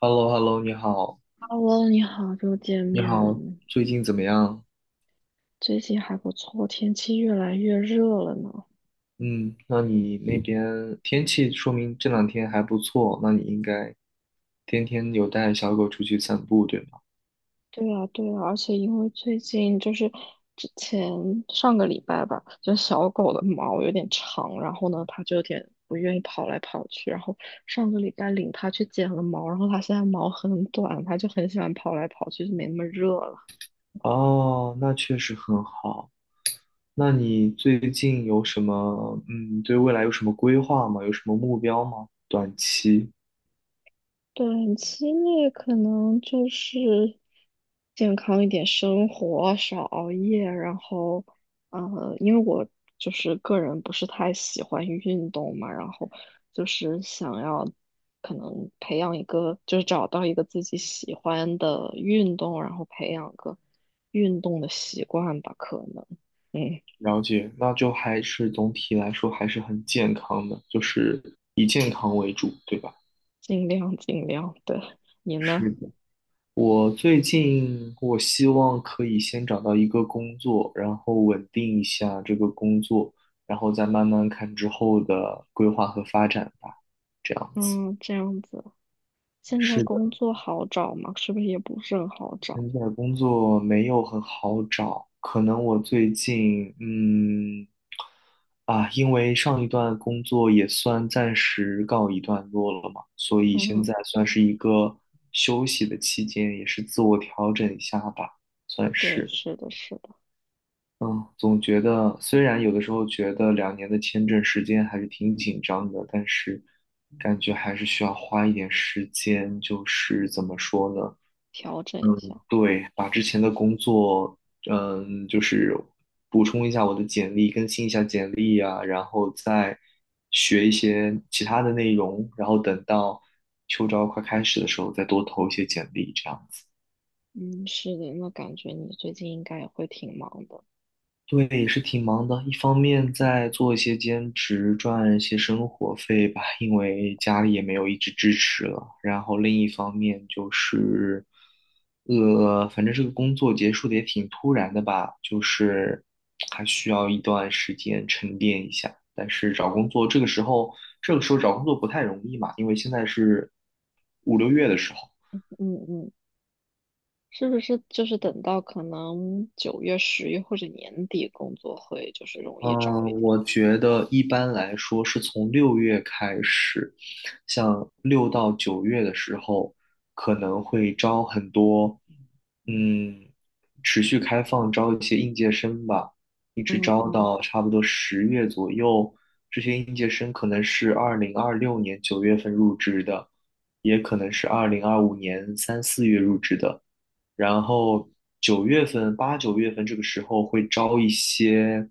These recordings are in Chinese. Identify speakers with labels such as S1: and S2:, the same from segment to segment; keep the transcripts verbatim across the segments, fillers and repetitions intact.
S1: h e l l o h e l l o 你好，
S2: Hello，你好，又见
S1: 你
S2: 面
S1: 好，
S2: 了。
S1: 最近怎么样？
S2: 最近还不错，天气越来越热了呢。
S1: 嗯，那你那边天气说明这两天还不错，那你应该天天有带小狗出去散步，对吗？
S2: 对啊，对啊，而且因为最近就是之前上个礼拜吧，就小狗的毛有点长，然后呢，它就有点不愿意跑来跑去。然后上个礼拜领它去剪了毛，然后它现在毛很短，它就很喜欢跑来跑去，就没那么热了。
S1: 哦，那确实很好。那你最近有什么，嗯，对未来有什么规划吗？有什么目标吗？短期，
S2: 短期内可能就是健康一点生活，少熬夜，然后呃，因为我就是个人不是太喜欢运动嘛，然后就是想要可能培养一个，就是找到一个自己喜欢的运动，然后培养个运动的习惯吧，可能嗯，
S1: 了解，那就还是总体来说还是很健康的，就是以健康为主，对吧？
S2: 尽量尽量，对，你呢？
S1: 是的。我最近我希望可以先找到一个工作，然后稳定一下这个工作，然后再慢慢看之后的规划和发展吧。这样子，
S2: 嗯，这样子。现在
S1: 是的，
S2: 工作好找吗？是不是也不是很好
S1: 现
S2: 找？
S1: 在工作没有很好找，可能我最近嗯啊，因为上一段工作也算暂时告一段落了嘛，所以现
S2: 嗯，
S1: 在算是一个休息的期间，也是自我调整一下吧，算
S2: 对，
S1: 是。
S2: 是的，是的，
S1: 嗯，总觉得虽然有的时候觉得两年的签证时间还是挺紧张的，但是感觉还是需要花一点时间，就是怎么说呢？
S2: 调整一
S1: 嗯，
S2: 下。
S1: 对，把之前的工作，嗯，就是补充一下我的简历，更新一下简历啊，然后再学一些其他的内容，然后等到秋招快开始的时候再多投一些简历，这样子。
S2: 嗯，是的，那感觉你最近应该也会挺忙的。
S1: 对，也是挺忙的，一方面在做一些兼职赚一些生活费吧，因为家里也没有一直支持了。然后另一方面就是，呃，反正这个工作结束的也挺突然的吧，就是还需要一段时间沉淀一下。但是找工作这个时候，这个时候找工作不太容易嘛，因为现在是五六月的时候。
S2: 嗯嗯，是不是就是等到可能九月、十月或者年底工作会就是容易找一
S1: 嗯，
S2: 点？
S1: 我觉得一般来说是从六月开始，像六到九月的时候，可能会招很多，嗯，持续开放招一些应届生吧，一直
S2: 嗯
S1: 招
S2: 嗯
S1: 到差不多十月左右。这些应届生可能是二零二六年九月份入职的，也可能是二零二五年三四月入职的。然后九月份、八九月份这个时候会招一些，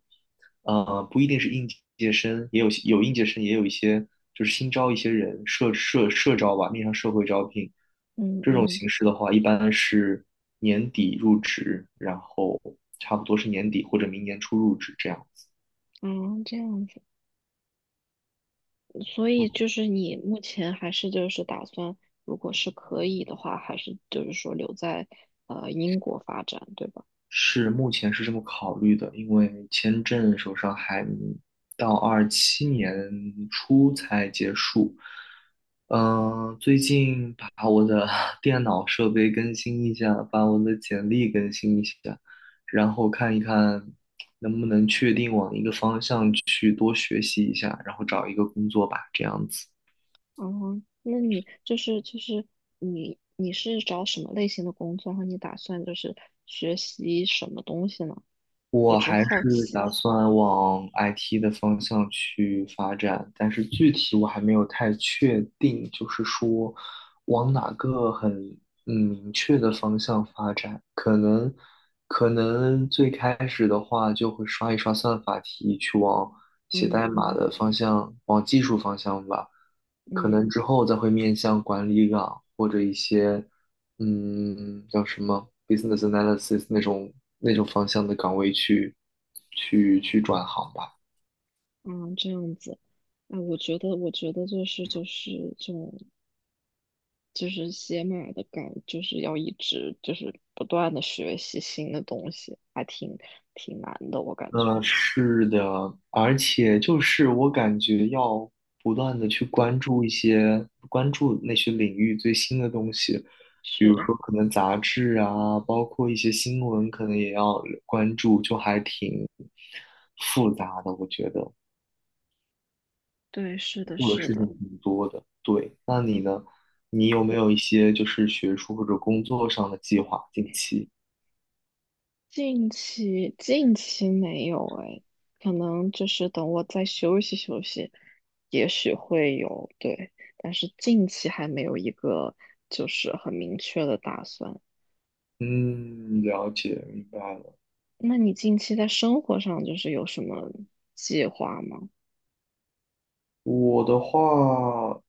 S1: 呃，不一定是应届生，也有有应届生，也有一些就是新招一些人，社社社招吧，面向社会招聘。
S2: 嗯
S1: 这种
S2: 嗯
S1: 形式的话，一般是年底入职，然后差不多是年底或者明年初入职这样。
S2: 嗯，这样子。所以就是你目前还是就是打算，如果是可以的话，还是就是说留在呃英国发展，对吧？
S1: 是，目前是这么考虑的，因为签证手上还到二七年初才结束。嗯、最近把我的 电脑设备更新一下，把我的简历更新一下，然后看一看能不能确定往一个方向去多学习一下，然后找一个工作吧，这样子。
S2: 哦，那你就是就是你你是找什么类型的工作？然后你打算就是学习什么东西呢？我
S1: 我
S2: 只
S1: 还
S2: 好
S1: 是打
S2: 奇。
S1: 算往 I T 的方向去发展，但是具体我还没有太确定，就是说往哪个很嗯明确的方向发展。可能可能最开始的话就会刷一刷算法题，去往写
S2: 嗯
S1: 代码
S2: 嗯
S1: 的方向，往技术方向吧。可
S2: 嗯
S1: 能之后再会面向管理岗或者一些。嗯，叫什么 business analysis 那种那种方向的岗位去去去转行吧。
S2: 嗯，这样子。哎，我觉得我觉得就是就是这种就是写码的感，就是要一直就是不断的学习新的东西，还挺挺难的，我感觉。
S1: 嗯，是的，而且就是我感觉要不断的去关注一些关注那些领域最新的东西，比
S2: 是，
S1: 如
S2: 的，
S1: 说可能杂志啊，包括一些新闻，可能也要关注，就还挺复杂的，我觉得。
S2: 对，是的，
S1: 做的
S2: 是
S1: 事情
S2: 的。
S1: 挺多的。对，那你呢？你有没有一些就是学术或者工作上的计划？近期？
S2: 近期近期没有哎，可能就是等我再休息休息，也许会有，对，但是近期还没有一个就是很明确的打算。
S1: 嗯，了解，明白了。
S2: 那你近期在生活上就是有什么计划吗？
S1: 我的话，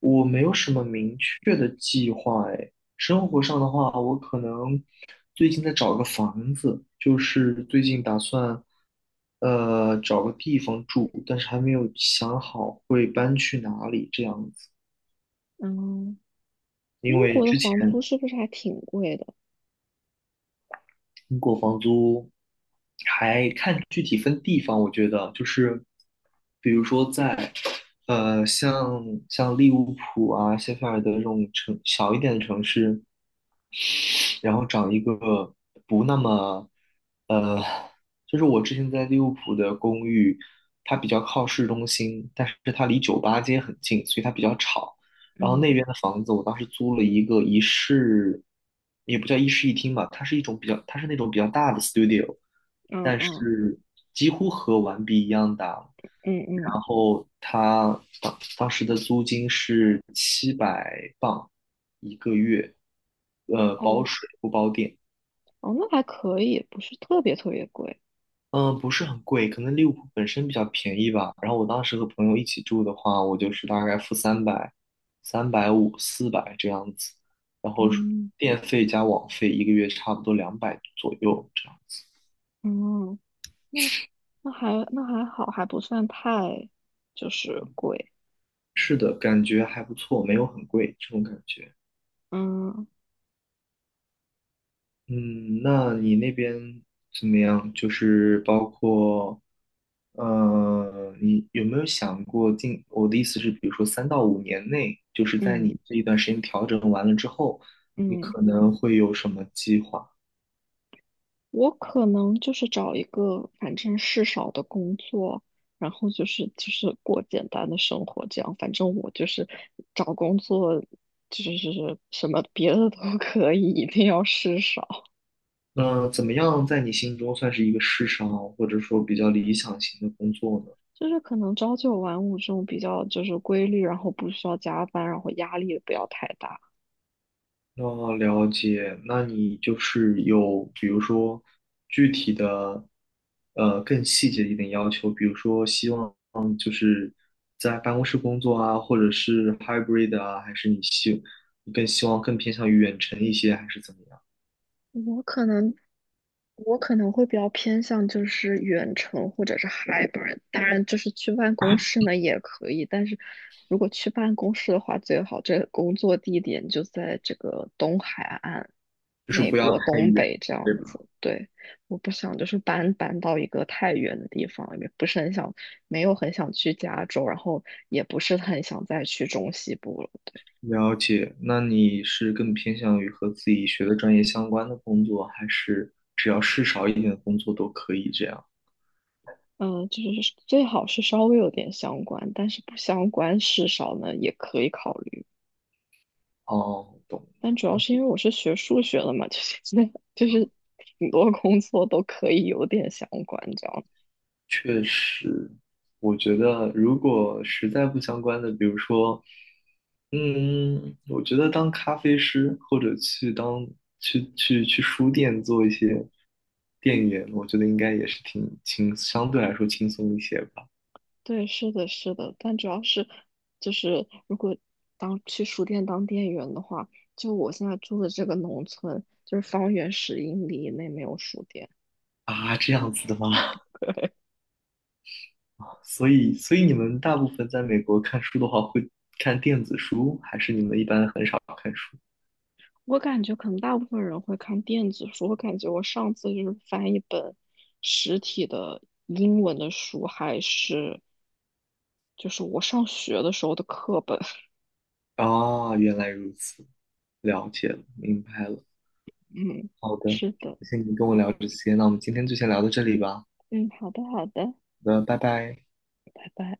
S1: 我没有什么明确的计划哎。生活上的话，我可能最近在找个房子，就是最近打算呃找个地方住，但是还没有想好会搬去哪里这样子。
S2: 嗯，
S1: 因
S2: 英
S1: 为
S2: 国的
S1: 之
S2: 房租
S1: 前
S2: 是不是还挺贵的？
S1: 英国房租还看具体分地方，我觉得就是比如说在呃像像利物浦啊、谢菲尔德这种城小一点的城市，然后找一个不那么，呃，就是我之前在利物浦的公寓，它比较靠市中心，但是它离酒吧街很近，所以它比较吵。然后那
S2: 嗯
S1: 边的房子，我当时租了一个一室，也不叫一室一厅吧，它是一种比较，它是那种比较大的 studio，
S2: 嗯
S1: 但
S2: 嗯
S1: 是几乎和完璧一样大。
S2: 嗯嗯，
S1: 然后它当当时的租金是七百磅，一个月，呃，
S2: 哦
S1: 包水不包电，
S2: 哦，那还可以，不是特别特别贵。
S1: 嗯、不是很贵，可能利物浦本身比较便宜吧。然后我当时和朋友一起住的话，我就是大概付三百、三百五、四百这样子，然后是
S2: 嗯
S1: 电费加网费一个月差不多两百左右这样子。
S2: 嗯。那。那还那还好，还不算太就是贵。
S1: 是的，感觉还不错，没有很贵这种感觉。
S2: 嗯
S1: 嗯，那你那边怎么样？就是包括，呃，你有没有想过近？我的意思是，比如说三到五年内，就是在
S2: 嗯
S1: 你这一段时间调整完了之后，你
S2: 嗯，
S1: 可能会有什么计划？
S2: 我可能就是找一个反正事少的工作，然后就是就是过简单的生活，这样反正我就是找工作就是什么别的都 可以，一定要事少，
S1: 那怎么样在你心中算是一个世上或者说比较理想型的工作呢？
S2: 就是可能朝九晚五这种比较就是规律，然后不需要加班，然后压力也不要太大。
S1: 哦，了解。那你就是有，比如说具体的，呃，更细节一点要求，比如说希望嗯就是在办公室工作啊，或者是 hybrid 啊，还是你希你更希望更偏向于远程一些，还是怎么样？
S2: 我可能我可能会比较偏向就是远程或者是 hybrid，当然就是去办公室呢也可以，但是如果去办公室的话，最好这个工作地点就在这个东海岸，
S1: 就是
S2: 美
S1: 不要
S2: 国
S1: 太
S2: 东
S1: 远，
S2: 北这
S1: 对
S2: 样
S1: 吧？
S2: 子。对，我不想就是搬搬到一个太远的地方，也不是很想，没有很想去加州，然后也不是很想再去中西部了。
S1: 了解。那你是更偏向于和自己学的专业相关的工作，还是只要事少一点的工作？
S2: 嗯，就是最好是稍微有点相关，但是不相关事少呢也可以考虑。
S1: 哦，懂
S2: 但
S1: 了。
S2: 主要
S1: 那。
S2: 是因为我是学数学的嘛，就是那就是挺多工作都可以有点相关，这样。
S1: 确实，我觉得如果实在不相关的，比如说，嗯，我觉得当咖啡师或者去当去去去书店做一些店员，我觉得应该也是挺轻，相对来说轻松一些吧。
S2: 对，是的，是的。但主要是就是如果当去书店当店员的话，就我现在住的这个农村，就是方圆十英里以内没有书店。
S1: 啊，这样子的吗？所以，所以你们大部分在美国看书的话，会看电子书，还是你们一般很少看书？
S2: 我感觉可能大部分人会看电子书，我感觉我上次就是翻一本实体的英文的书，还是就是我上学的时候的课本。
S1: 啊，原来如此，了解了，明白了。
S2: 嗯，
S1: 好的，
S2: 是的，
S1: 谢谢你跟我
S2: 嗯
S1: 聊这些，那我们今天就先聊到这里吧。好
S2: 嗯，好的好的，
S1: 的，拜拜。
S2: 拜拜。